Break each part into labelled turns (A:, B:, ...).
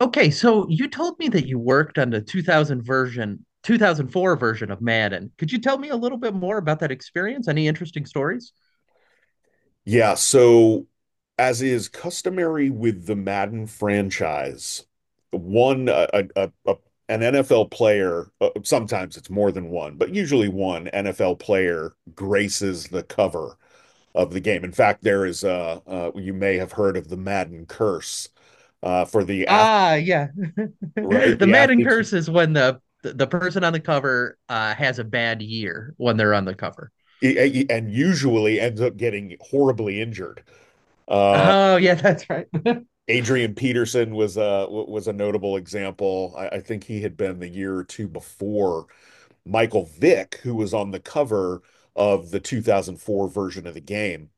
A: Okay, so you told me that you worked on the 2000 version, 2004 version of Madden. Could you tell me a little bit more about that experience? Any interesting stories?
B: Yeah, so as is customary with the Madden franchise, one a- an NFL player, sometimes it's more than one, but usually one NFL player graces the cover of the game. In fact, there is you may have heard of the Madden curse for the athlete,
A: Ah, yeah.
B: right?
A: The
B: The
A: Madden
B: athlete
A: curse is when the person on the cover has a bad year when they're on the cover.
B: and usually ends up getting horribly injured. Uh
A: Oh, yeah, that's right.
B: Adrian Peterson was a notable example. I think he had been the year or two before Michael Vick, who was on the cover of the 2004 version of the game.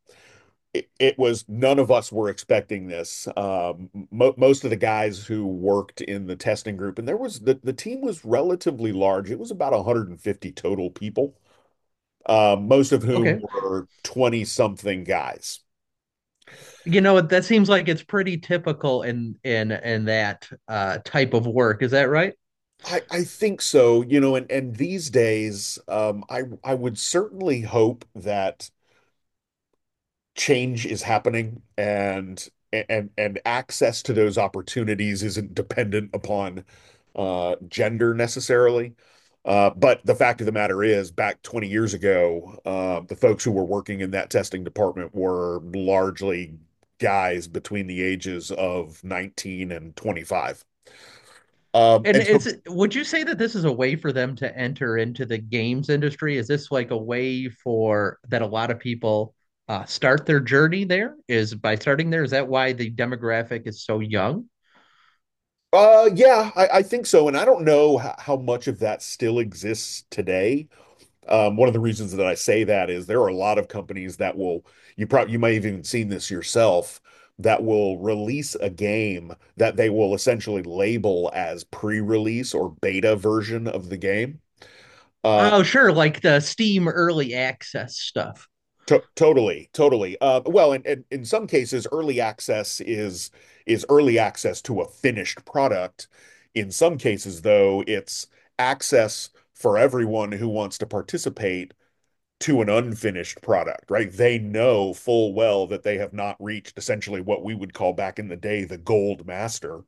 B: It was None of us were expecting this. Mo Most of the guys who worked in the testing group, and the team was relatively large. It was about 150 total people, most of whom
A: Okay.
B: were 20 something guys.
A: You know what, that seems like it's pretty typical in in that type of work. Is that right?
B: I think so, you know, and these days, I would certainly hope that change is happening and access to those opportunities isn't dependent upon gender necessarily. But the fact of the matter is, back 20 years ago, the folks who were working in that testing department were largely guys between the ages of 19 and 25. Um,
A: And
B: And so,
A: is would you say that this is a way for them to enter into the games industry? Is this like a way for that a lot of people start their journey there? Is by starting there, is that why the demographic is so young?
B: yeah, I think so. And I don't know how much of that still exists today. One of the reasons that I say that is there are a lot of companies that will, you might have even seen this yourself, that will release a game that they will essentially label as pre-release or beta version of the game. Uh,
A: Oh, sure, like the Steam early access stuff.
B: to Totally, totally. Well, and in some cases, early access is early access to a finished product. In some cases, though, it's access for everyone who wants to participate to an unfinished product, right? They know full well that they have not reached essentially what we would call back in the day the gold master.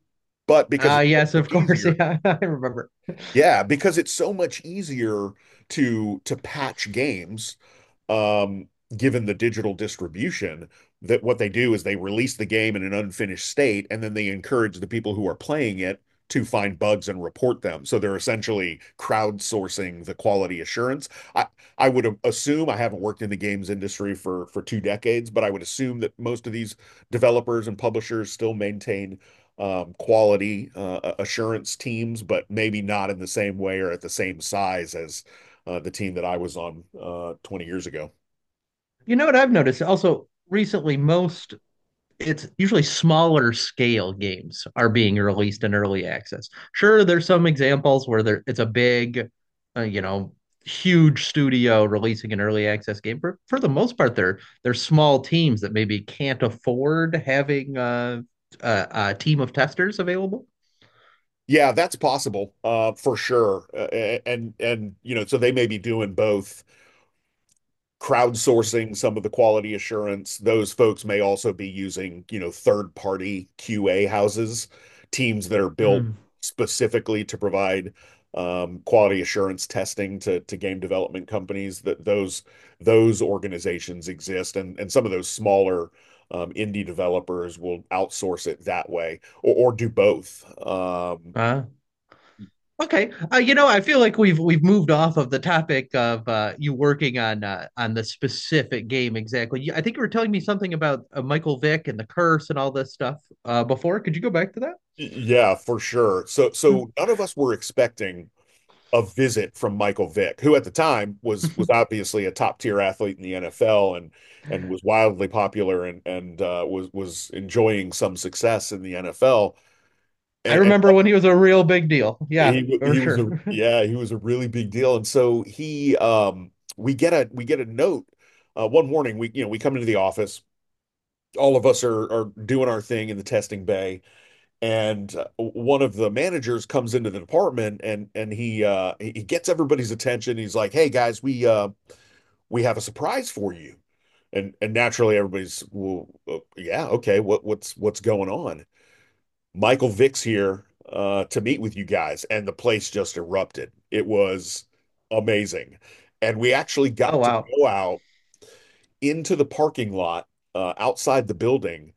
B: But because it's so
A: Yes, of
B: much
A: course.
B: easier,
A: Yeah, I remember.
B: yeah, because it's so much easier to patch games, um, given the digital distribution, that what they do is they release the game in an unfinished state, and then they encourage the people who are playing it to find bugs and report them. So they're essentially crowdsourcing the quality assurance. I, I would assume I haven't worked in the games industry for two decades, but I would assume that most of these developers and publishers still maintain quality assurance teams, but maybe not in the same way or at the same size as the team that I was on 20 years ago.
A: You know what I've noticed also recently, most it's usually smaller scale games are being released in early access. Sure, there's some examples where there it's a big, you know, huge studio releasing an early access game. For the most part, they're small teams that maybe can't afford having a team of testers available.
B: Yeah, that's possible, for sure. And you know, so they may be doing both crowdsourcing some of the quality assurance. Those folks may also be using, you know, third-party QA houses, teams that are built
A: Mm.
B: specifically to provide quality assurance testing to game development companies. That Those organizations exist, and some of those smaller indie developers will outsource it that way, or do both.
A: Uh, Okay. You know, I feel like we've moved off of the topic of you working on the specific game exactly. You- I think you were telling me something about Michael Vick and the curse and all this stuff before. Could you go back to
B: Yeah, for sure. So none of us were expecting a visit from Michael Vick, who at the time was
A: that?
B: was obviously a top tier athlete in the NFL and was wildly popular and was enjoying some success in the NFL.
A: I
B: And
A: remember when he was a real big deal. Yeah, for
B: he was a,
A: sure.
B: yeah, he was a really big deal. And so he we get a note, one morning. We, you know, we come into the office, all of us are doing our thing in the testing bay, and one of the managers comes into the department, and he gets everybody's attention. He's like, hey guys, we have a surprise for you. And naturally everybody's, well, yeah, okay, what's going on? Michael Vick's here to meet with you guys. And the place just erupted. It was amazing. And we actually
A: Oh
B: got to
A: wow.
B: go out into the parking lot outside the building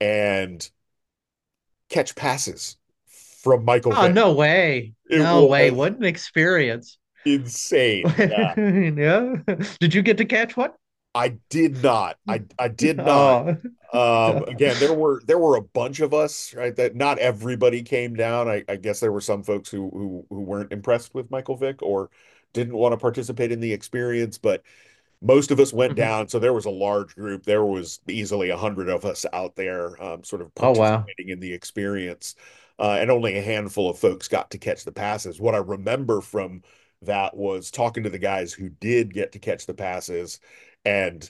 B: and catch passes from Michael
A: Oh
B: Vick.
A: no way.
B: It
A: No way.
B: was
A: What an experience.
B: insane. Yeah.
A: Yeah. Did you get to catch one?
B: I did not. I did not.
A: Oh.
B: Again, there were a bunch of us, right? That Not everybody came down. I guess there were some folks who weren't impressed with Michael Vick or didn't want to participate in the experience, but most of us went
A: Mhm.
B: down, so there was a large group. There was easily a hundred of us out there, sort of
A: Oh wow.
B: participating in the experience, and only a handful of folks got to catch the passes. What I remember from that was talking to the guys who did get to catch the passes, and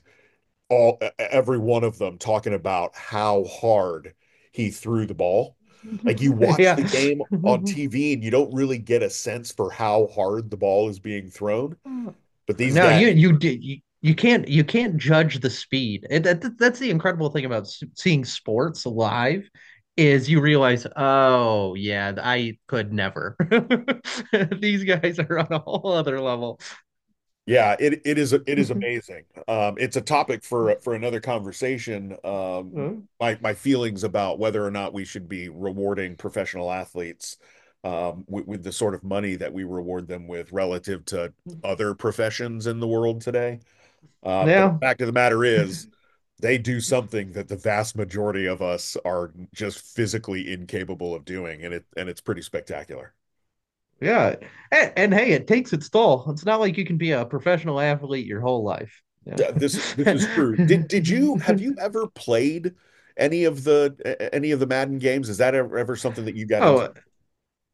B: all every one of them talking about how hard he threw the ball. Like you watch
A: Yeah.
B: the game on TV and you don't really get a sense for how hard the ball is being thrown, but these
A: No, you
B: guys.
A: you did you, you can't judge the speed. And that, that's the incredible thing about s- seeing sports live is you realize, oh yeah, I could never. These guys are on a whole other level.
B: Yeah, it is amazing. It's a topic for another conversation. My my feelings about whether or not we should be rewarding professional athletes with the sort of money that we reward them with relative to other professions in the world today. But the
A: Yeah,
B: fact of the matter is, they do something that the vast majority of us are just physically incapable of doing, and it's pretty spectacular.
A: yeah. And hey, it takes its toll. It's not like you can be a professional athlete your whole life. Yeah.
B: Yeah, this is true. Did you have you ever played any of the any of the Madden games? Is that ever, ever something that you got into?
A: Oh,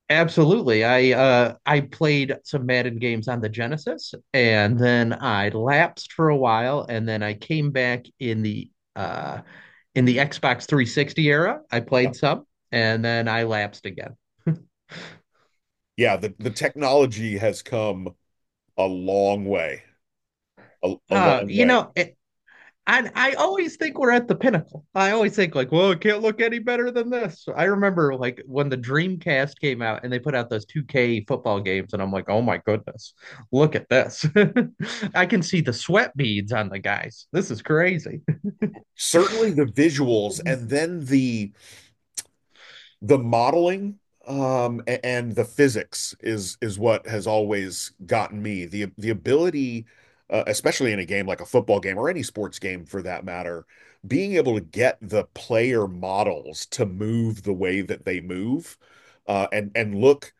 A: absolutely. I played some Madden games on the Genesis and then I lapsed for a while and then I came back in the Xbox 360 era. I
B: Yeah,
A: played some and then I lapsed again.
B: yeah. The technology has come a long way, a
A: Uh
B: long
A: you
B: way.
A: know, a- And I always think we're at the pinnacle. I always think like, well, it can't look any better than this. I remember like when the Dreamcast came out and they put out those 2K football games, and I'm like, oh my goodness, look at this. I can see the sweat beads on the guys. This is crazy.
B: Certainly the visuals, and then the modeling, and the physics is what has always gotten me. The ability, especially in a game like a football game or any sports game for that matter, being able to get the player models to move the way that they move, and look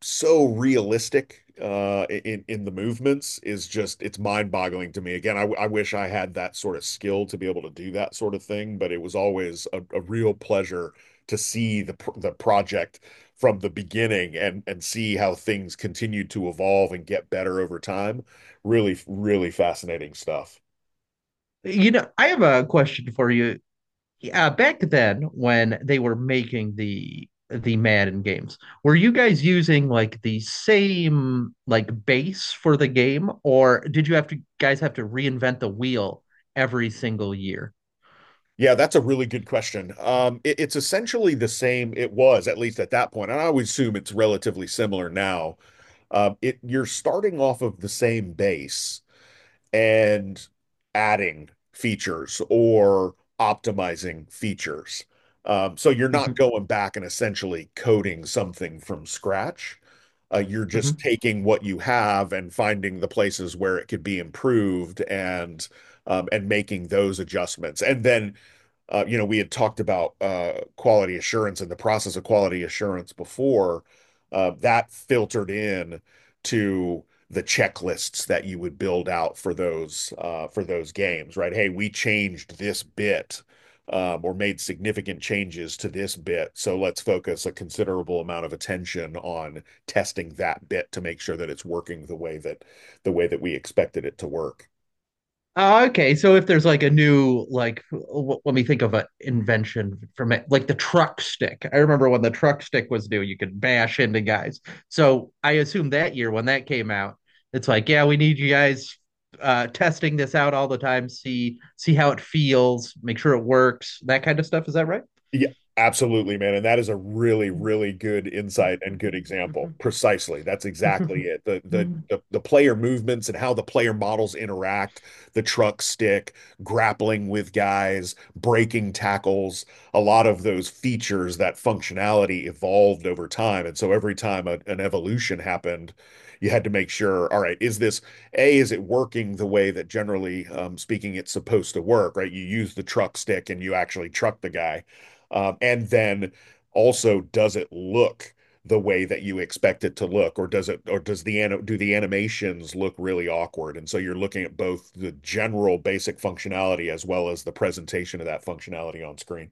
B: so realistic in the movements, is just it's mind-boggling to me. Again, I wish I had that sort of skill to be able to do that sort of thing, but it was always a real pleasure to see the project from the beginning, and see how things continued to evolve and get better over time. Really really fascinating stuff.
A: You know, I have a question for you. Back then when they were making the Madden games, were you guys using like the same like base for the game, or did you have to guys have to reinvent the wheel every single year?
B: Yeah, that's a really good question. It's essentially the same it was, at least at that point, and I would assume it's relatively similar now. It You're starting off of the same base, and adding features or optimizing features. So you're not
A: Mhm,
B: going back and essentially coding something from scratch. You're just
A: mhm.
B: taking what you have and finding the places where it could be improved, and making those adjustments. And then, you know, we had talked about quality assurance and the process of quality assurance before. That filtered in to the checklists that you would build out for those games, right? Hey, we changed this bit, or made significant changes to this bit, so let's focus a considerable amount of attention on testing that bit, to make sure that it's working the way that we expected it to work.
A: Oh, okay. So if there's like a new like w- let me think of an invention from it, like the truck stick. I remember when the truck stick was new, you could bash into guys. So I assume that year when that came out, it's like, yeah, we need you guys testing this out all the time, see how it feels, make sure it works, that kind of stuff. Is that right?
B: Yeah, absolutely, man. And that is a really, really good insight and good example. Precisely. That's exactly it. The player movements and how the player models interact, the truck stick, grappling with guys, breaking tackles, a lot of those features, that functionality evolved over time. And so every time an evolution happened, you had to make sure, all right, is this is it working the way that generally speaking it's supposed to work, right? You use the truck stick and you actually truck the guy, and then also, does it look the way that you expect it to look, or does it, or does the ano do the animations look really awkward? And so you're looking at both the general basic functionality as well as the presentation of that functionality on screen.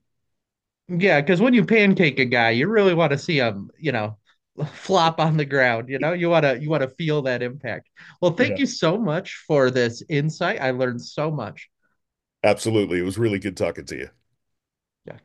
A: Yeah, because when you pancake a guy, you really want to see him, you know, flop on the ground. You know, you want to feel that impact. Well,
B: Yeah,
A: thank you so much for this insight. I learned so much.
B: absolutely. It was really good talking to you.
A: Yeah.